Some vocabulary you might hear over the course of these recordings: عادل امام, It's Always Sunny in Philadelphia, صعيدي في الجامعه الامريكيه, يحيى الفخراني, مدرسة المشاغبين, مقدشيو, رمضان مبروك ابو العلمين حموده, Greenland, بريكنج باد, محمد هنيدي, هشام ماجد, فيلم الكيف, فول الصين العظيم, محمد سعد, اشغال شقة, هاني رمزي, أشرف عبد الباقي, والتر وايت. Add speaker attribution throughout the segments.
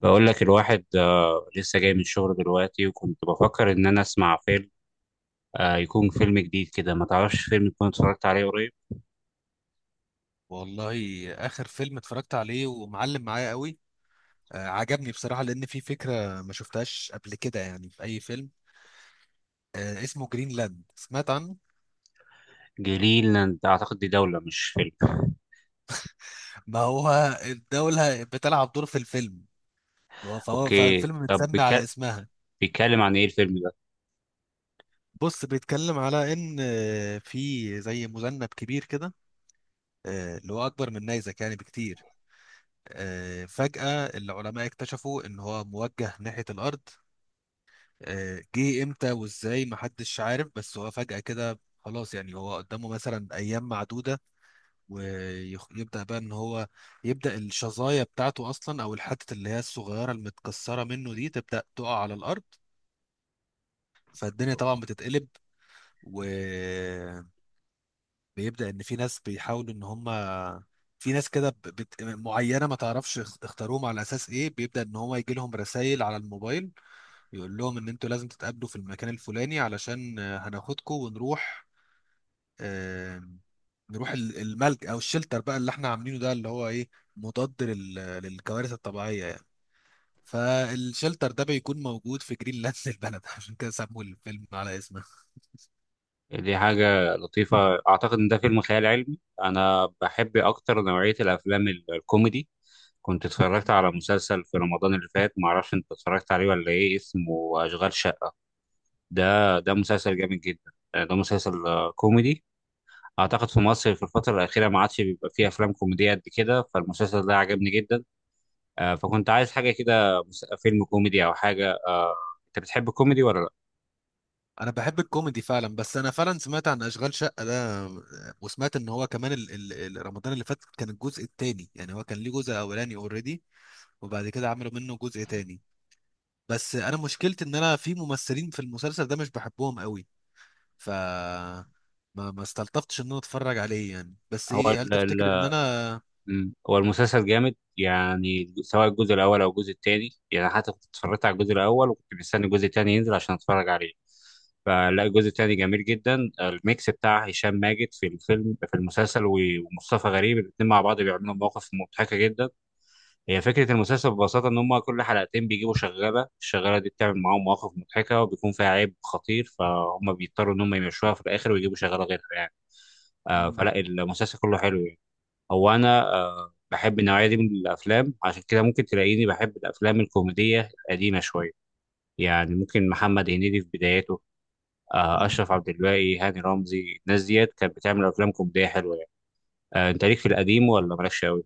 Speaker 1: بقول لك الواحد، لسه جاي من الشغل دلوقتي، وكنت بفكر ان انا اسمع فيلم، يكون فيلم جديد كده. ما تعرفش فيلم كنت اتفرجت عليه قريب؟
Speaker 2: والله اخر فيلم اتفرجت عليه ومعلم معايا قوي. عجبني بصراحه لان في فكره ما شفتهاش قبل كده يعني في اي فيلم. اسمه جرينلاند، سمعت عنه.
Speaker 1: جليلاند اعتقد دي دولة مش فيلم.
Speaker 2: ما هو الدوله بتلعب دور في الفيلم، فهو
Speaker 1: اوكي،
Speaker 2: فالفيلم
Speaker 1: طب
Speaker 2: متسمي على اسمها.
Speaker 1: بيتكلم عن ايه الفيلم ده؟
Speaker 2: بص، بيتكلم على ان في زي مذنب كبير كده، اللي هو اكبر من نيزك يعني بكتير. فجأة العلماء اكتشفوا ان هو موجه ناحية الارض. جه امتى وازاي محدش عارف، بس هو فجأة كده خلاص يعني هو قدامه مثلا ايام معدودة. ويبدأ بقى ان هو يبدأ الشظايا بتاعته اصلا او الحتة اللي هي الصغيرة المتكسرة منه دي تبدأ تقع على الارض. فالدنيا طبعا بتتقلب، وبيبدأ ان في ناس بيحاولوا ان هم، في ناس كده معينة ما تعرفش اختاروهم على اساس ايه، بيبدأ ان هو يجي لهم رسائل على الموبايل يقول لهم ان انتوا لازم تتقابلوا في المكان الفلاني علشان هناخدكم ونروح. آه، نروح الملج او الشلتر بقى اللي احنا عاملينه ده اللي هو ايه، مضاد للكوارث الطبيعيه يعني. فالشلتر ده بيكون موجود في جرينلاند البلد، عشان كده سموا الفيلم على اسمه.
Speaker 1: دي حاجة لطيفة. اعتقد ان ده فيلم خيال علمي. انا بحب اكتر نوعية الافلام الكوميدي. كنت اتفرجت على مسلسل في رمضان اللي فات، معرفش انت اتفرجت عليه ولا ايه، اسمه اشغال شقة. ده مسلسل جامد جدا، ده مسلسل كوميدي. اعتقد في مصر في الفتره الاخيره ما عادش بيبقى فيه افلام كوميديه قد كده، فالمسلسل ده عجبني جدا. فكنت عايز حاجه كده، فيلم كوميدي او حاجه. انت بتحب الكوميدي ولا لا؟
Speaker 2: انا بحب الكوميدي فعلا، بس انا فعلا سمعت عن اشغال شقه ده، وسمعت ان هو كمان رمضان اللي فات كان الجزء الثاني، يعني هو كان ليه جزء اولاني اوريدي وبعد كده عملوا منه جزء تاني. بس انا مشكلتي ان انا في ممثلين في المسلسل ده مش بحبهم قوي، ف ما استلطفتش ان انا اتفرج عليه يعني. بس
Speaker 1: هو
Speaker 2: ايه، هل
Speaker 1: ال
Speaker 2: تفتكر ان
Speaker 1: ال
Speaker 2: انا؟
Speaker 1: مم. هو المسلسل جامد يعني، سواء الجزء الاول او الجزء الثاني. يعني حتى كنت اتفرجت على الجزء الاول وكنت مستني الجزء الثاني ينزل عشان اتفرج عليه. فلا، الجزء الثاني جميل جدا. الميكس بتاع هشام ماجد في الفيلم في المسلسل، ومصطفى غريب، الاثنين مع بعض بيعملوا مواقف مضحكه جدا. هي فكرة المسلسل ببساطة إن هما كل حلقتين بيجيبوا شغالة، الشغالة دي بتعمل معاهم مواقف مضحكة وبيكون فيها عيب خطير، فهم بيضطروا إن هم يمشوها في الآخر ويجيبوا شغالة غيرها يعني. آه،
Speaker 2: مم.
Speaker 1: فلا المسلسل كله حلو يعني. هو أنا بحب النوعية دي من الأفلام، عشان كده ممكن تلاقيني بحب الأفلام الكوميدية القديمة شوية. يعني ممكن محمد هنيدي في بداياته، آه،
Speaker 2: مم.
Speaker 1: أشرف عبد الباقي، هاني رمزي، الناس ديت كانت بتعمل أفلام كوميدية حلوة يعني. آه، أنت ليك في القديم ولا مالكش أوي؟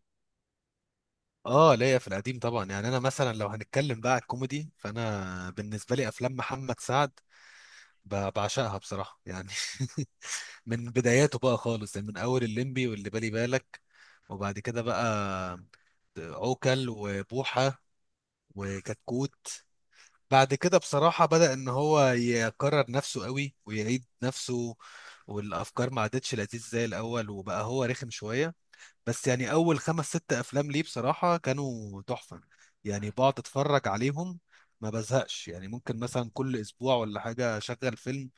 Speaker 2: اه، ليا في القديم طبعا. يعني انا مثلا لو هنتكلم بقى على الكوميدي، فانا بالنسبه لي افلام محمد سعد بعشقها بصراحه يعني. من بداياته بقى خالص، يعني من اول الليمبي واللي بالي بالك، وبعد كده بقى عوكل وبوحه وكتكوت. بعد كده بصراحة بدأ إن هو يكرر نفسه قوي ويعيد نفسه، والأفكار ما عادتش لذيذ زي الأول وبقى هو رخم شوية. بس يعني أول خمس ست أفلام ليه بصراحة كانوا تحفة. يعني بقعد أتفرج عليهم ما بزهقش، يعني ممكن مثلا كل أسبوع ولا حاجة أشغل فيلم.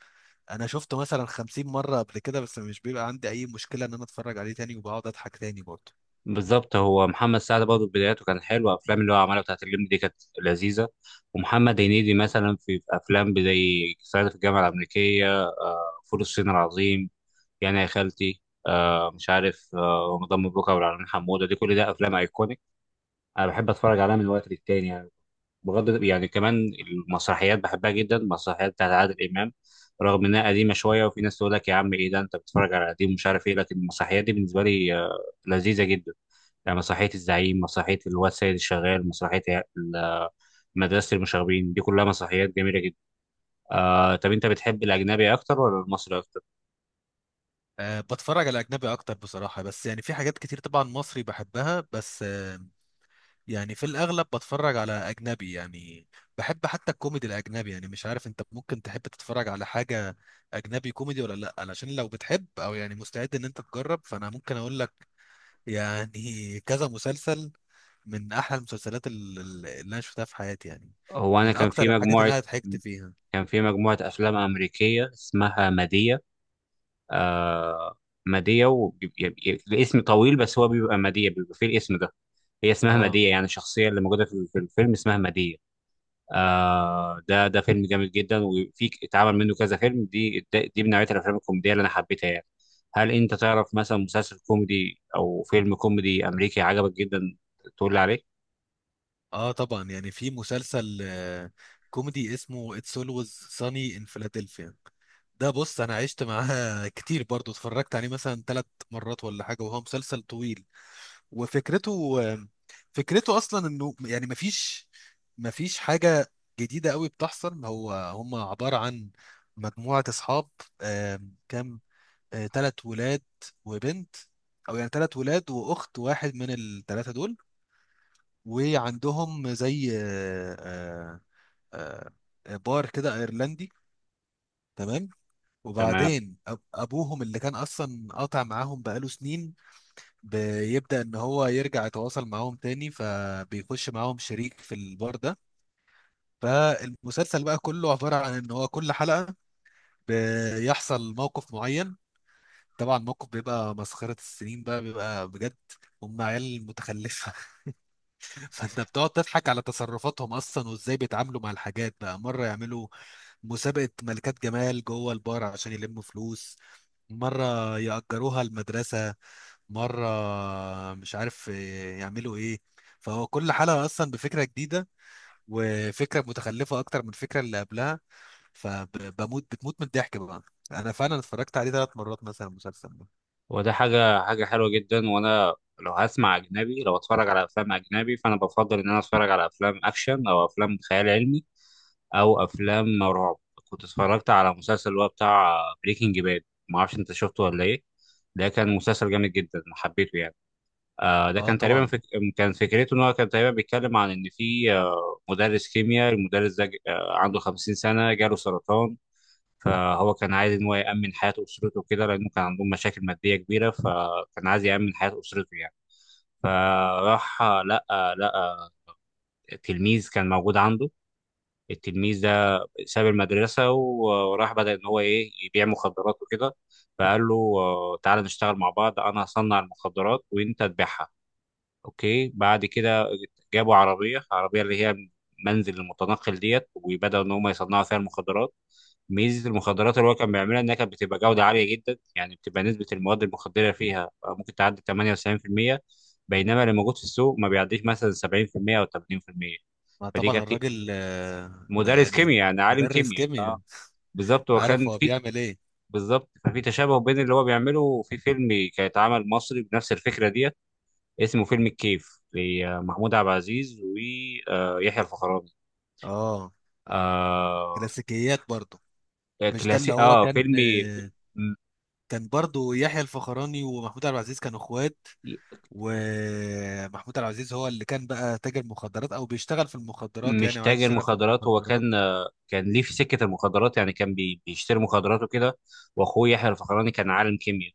Speaker 2: أنا شفته مثلا 50 مرة قبل كده، بس مش بيبقى عندي أي مشكلة إن أنا أتفرج عليه تاني وبقعد أضحك تاني برضه.
Speaker 1: بالظبط، هو محمد سعد برضه بداياته كانت حلوه. افلام اللي هو عملها بتاعت اللمبي دي كانت لذيذه. ومحمد هنيدي مثلا في افلام زي صعيدي في الجامعه الامريكيه، فول الصين العظيم، يعني يا خالتي، مش عارف، رمضان مبروك، ابو العلمين حموده، دي كل ده افلام ايكونيك. انا بحب اتفرج عليها من وقت للتاني يعني. بغض يعني كمان، المسرحيات بحبها جدا، المسرحيات بتاعت عادل امام، رغم انها قديمه شويه وفي ناس تقول لك يا عم ايه ده انت بتتفرج على قديم ومش عارف ايه، لكن المسرحيات دي بالنسبه لي لذيذه جدا. يعني مسرحية الزعيم، مسرحية الواد سيد الشغال، مسرحية ال- مدرسة المشاغبين، دي كلها مسرحيات جميلة جدا. آه، طب أنت بتحب الأجنبي أكتر ولا المصري أكتر؟
Speaker 2: أه، بتفرج على أجنبي أكتر بصراحة، بس يعني في حاجات كتير طبعا مصري بحبها. بس يعني في الأغلب بتفرج على أجنبي يعني. بحب حتى الكوميدي الأجنبي. يعني مش عارف أنت ممكن تحب تتفرج على حاجة أجنبي كوميدي ولا لأ؟ علشان لو بتحب أو يعني مستعد إن أنت تجرب، فأنا ممكن أقول لك يعني كذا مسلسل من أحلى المسلسلات اللي أنا شفتها في حياتي يعني،
Speaker 1: هو أنا
Speaker 2: من أكتر الحاجات اللي أنا ضحكت فيها.
Speaker 1: كان في مجموعة أفلام أمريكية اسمها مادية. آه، مادية و... الاسم طويل، بس هو بيبقى مادية، بيبقى فيه الاسم ده. هي اسمها
Speaker 2: اه،
Speaker 1: مادية يعني، الشخصية اللي موجودة في الفيلم اسمها مادية. آه، ده فيلم جامد جدا، وفي اتعمل منه كذا فيلم. دي من نوعية الافلام الكوميدية اللي انا حبيتها يعني. هل انت تعرف مثلا مسلسل كوميدي او فيلم كوميدي امريكي عجبك جدا تقول لي عليه؟
Speaker 2: اه طبعا. يعني في مسلسل كوميدي اسمه It's Always Sunny in Philadelphia. ده بص انا عشت معاه كتير، برضو اتفرجت عليه مثلا ثلاث مرات ولا حاجه، وهو مسلسل طويل. وفكرته، فكرته اصلا انه يعني مفيش حاجه جديده قوي بتحصل. هو هم عباره عن مجموعه اصحاب، كام، ثلاث ولاد وبنت، او يعني ثلاث ولاد واخت واحد من الثلاثه دول. وعندهم زي بار كده ايرلندي، تمام؟
Speaker 1: تمام.
Speaker 2: وبعدين ابوهم اللي كان اصلا قاطع معاهم بقاله سنين بيبدأ ان هو يرجع يتواصل معاهم تاني، فبيخش معاهم شريك في البار ده. فالمسلسل بقى كله عبارة عن ان هو كل حلقة بيحصل موقف معين، طبعا الموقف بيبقى مسخرة السنين بقى، بيبقى بجد هم عيال متخلفة. فانت بتقعد تضحك على تصرفاتهم اصلا وازاي بيتعاملوا مع الحاجات بقى. مره يعملوا مسابقة ملكات جمال جوه البار عشان يلموا فلوس، مرة يأجروها المدرسة، مرة مش عارف إيه، يعملوا ايه. فهو كل حلقة أصلا بفكرة جديدة، وفكرة متخلفة أكتر من الفكرة اللي قبلها، فبموت بتموت من الضحك بقى. أنا فعلا اتفرجت عليه ثلاث مرات مثلا المسلسل ده.
Speaker 1: وده حاجة حلوة جدا. وانا لو هسمع اجنبي، لو اتفرج على افلام اجنبي، فانا بفضل ان انا اتفرج على افلام اكشن او افلام خيال علمي او افلام رعب. كنت اتفرجت على مسلسل اللي هو بتاع بريكنج باد، ما اعرفش انت شفته ولا ايه. ده كان مسلسل جامد جدا، حبيته يعني. ده
Speaker 2: اه
Speaker 1: كان تقريبا
Speaker 2: طبعا.
Speaker 1: كان فكرته ان هو كان تقريبا بيتكلم عن ان في مدرس كيمياء، المدرس ده عنده 50 سنه، جاله سرطان. فهو كان عايز ان هو يامن حياه اسرته كده، لانه كان عندهم مشاكل ماديه كبيره، فكان عايز يامن حياه اسرته يعني. فراح لقى تلميذ كان موجود عنده. التلميذ ده ساب المدرسه وراح، بدا ان هو ايه، يبيع مخدرات وكده. فقال له تعالى نشتغل مع بعض، انا هصنع المخدرات وانت تبيعها. اوكي، بعد كده جابوا عربيه، عربيه اللي هي منزل المتنقل ديت، وبداوا ان هم يصنعوا فيها المخدرات. ميزه المخدرات اللي هو كان بيعملها انها كانت بتبقى جوده عاليه جدا، يعني بتبقى نسبه المواد المخدره فيها ممكن تعدي 98%، بينما اللي موجود في السوق ما بيعديش مثلا 70% او 80%.
Speaker 2: ما
Speaker 1: فدي
Speaker 2: طبعا
Speaker 1: كانت
Speaker 2: الراجل ده
Speaker 1: مدرس
Speaker 2: يعني
Speaker 1: كيمياء يعني عالم
Speaker 2: مدرس
Speaker 1: كيمياء،
Speaker 2: كيمياء،
Speaker 1: اه. بالظبط، هو
Speaker 2: عارف
Speaker 1: كان
Speaker 2: هو
Speaker 1: في
Speaker 2: بيعمل ايه.
Speaker 1: بالظبط ففي تشابه بين اللي هو بيعمله، في فيلم كان اتعمل مصري بنفس الفكره دي، اسمه فيلم الكيف، لمحمود عبد العزيز ويحيى الفخراني.
Speaker 2: اه،
Speaker 1: آه،
Speaker 2: كلاسيكيات برضه. مش ده اللي
Speaker 1: كلاسيك،
Speaker 2: هو
Speaker 1: اه، فيلم.
Speaker 2: كان،
Speaker 1: م-
Speaker 2: كان برضو يحيى الفخراني ومحمود عبد العزيز كانوا اخوات، ومحمود عبد العزيز هو اللي كان بقى تاجر مخدرات او بيشتغل في المخدرات
Speaker 1: مش
Speaker 2: يعني، وعايز
Speaker 1: تاجر
Speaker 2: يشتغل في
Speaker 1: مخدرات هو،
Speaker 2: المخدرات.
Speaker 1: كان كان ليه في سكة المخدرات يعني، كان بيشتري مخدرات وكده. واخوه يحيى الفخراني كان عالم كيمياء.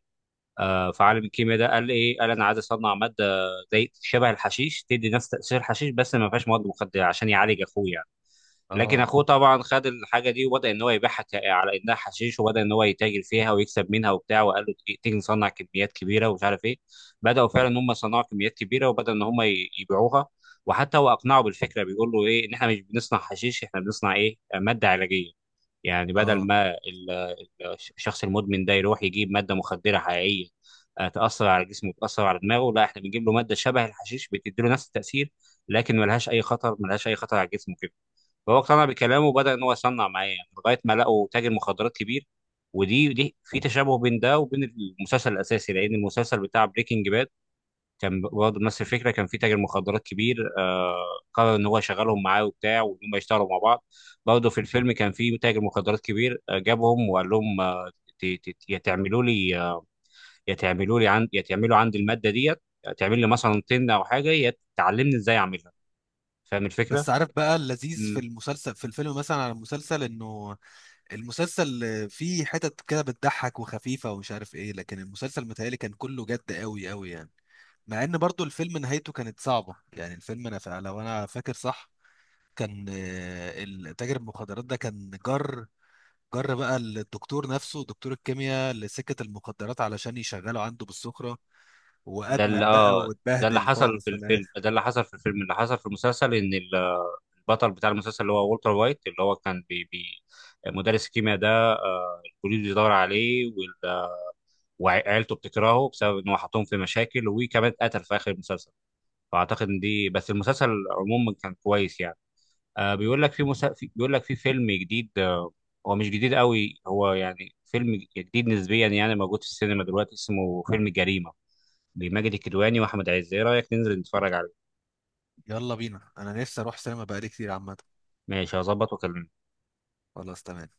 Speaker 1: آه، فعالم الكيمياء ده قال ايه؟ قال انا عايز اصنع ماده زي شبه الحشيش، تدي نفس تاثير الحشيش بس ما فيهاش مواد مخدره، عشان يعالج اخوه يعني. لكن
Speaker 2: اه.
Speaker 1: اخوه طبعا خد الحاجه دي وبدا ان هو يبيعها على انها حشيش، وبدا ان هو يتاجر فيها ويكسب منها وبتاع، وقال له تيجي تيجي نصنع كميات كبيره ومش عارف ايه. بداوا فعلا ان هم يصنعوا كميات كبيره، وبدا ان هم يبيعوها. وحتى هو اقنعه بالفكره، بيقول له ايه ان احنا مش بنصنع حشيش، احنا بنصنع ايه، ماده علاجيه. يعني بدل
Speaker 2: اه،
Speaker 1: ما الشخص المدمن ده يروح يجيب ماده مخدره حقيقيه تاثر على جسمه وتاثر على دماغه، لا احنا بنجيب له ماده شبه الحشيش بتدي له نفس التاثير، لكن ملهاش اي خطر، ملهاش اي خطر على الجسم. فهو اقتنع بكلامه وبدأ إن هو يصنع معايا يعني، لغاية ما لقوا تاجر مخدرات كبير. ودي في تشابه بين ده وبين المسلسل الأساسي، لأن المسلسل بتاع بريكنج باد كان برضه نفس الفكرة، كان في تاجر مخدرات كبير، قرر إن هو يشغلهم معاه وبتاع، وإن هم يشتغلوا مع بعض. برضه في الفيلم كان في تاجر مخدرات كبير، جابهم وقال لهم، ت- يا تعملوا لي، يا تعملوا لي عند، يا تعملوا عندي المادة ديت، تعمل لي مثلا طن أو حاجة، يا تعلمني إزاي أعملها. فاهم الفكرة؟
Speaker 2: بس عارف بقى اللذيذ في المسلسل في الفيلم مثلا، على المسلسل انه المسلسل فيه حتت كده بتضحك وخفيفة ومش عارف ايه، لكن المسلسل متهيألي كان كله جد قوي قوي يعني. مع ان برضو الفيلم نهايته كانت صعبة يعني. الفيلم انا لو انا فاكر صح، كان التاجر المخدرات ده كان جر بقى الدكتور نفسه دكتور الكيمياء لسكة المخدرات علشان يشغله عنده بالسخرة،
Speaker 1: ده اللي
Speaker 2: وأدمن بقى
Speaker 1: اه ده اللي
Speaker 2: واتبهدل
Speaker 1: حصل في
Speaker 2: خالص في
Speaker 1: الفيلم،
Speaker 2: الآخر.
Speaker 1: اللي حصل في المسلسل ان البطل بتاع المسلسل اللي هو والتر وايت، اللي هو كان بي مدرس الكيمياء ده. البوليس بيدور عليه، وعيلته بتكرهه بسبب ان هو حطهم في مشاكل، وكمان اتقتل في اخر المسلسل. فاعتقد ان دي بس. المسلسل عموما كان كويس يعني. بيقول لك في فيلم جديد، هو مش جديد قوي، هو يعني فيلم جديد نسبيا يعني، موجود في السينما دلوقتي، اسمه فيلم جريمة، لماجد الكدواني واحمد عز. ايه رايك ننزل نتفرج عليه؟
Speaker 2: يلا بينا، أنا نفسي أروح سينما بقالي كتير عامة.
Speaker 1: ماشي، هظبط واكلمك.
Speaker 2: خلاص، تمام.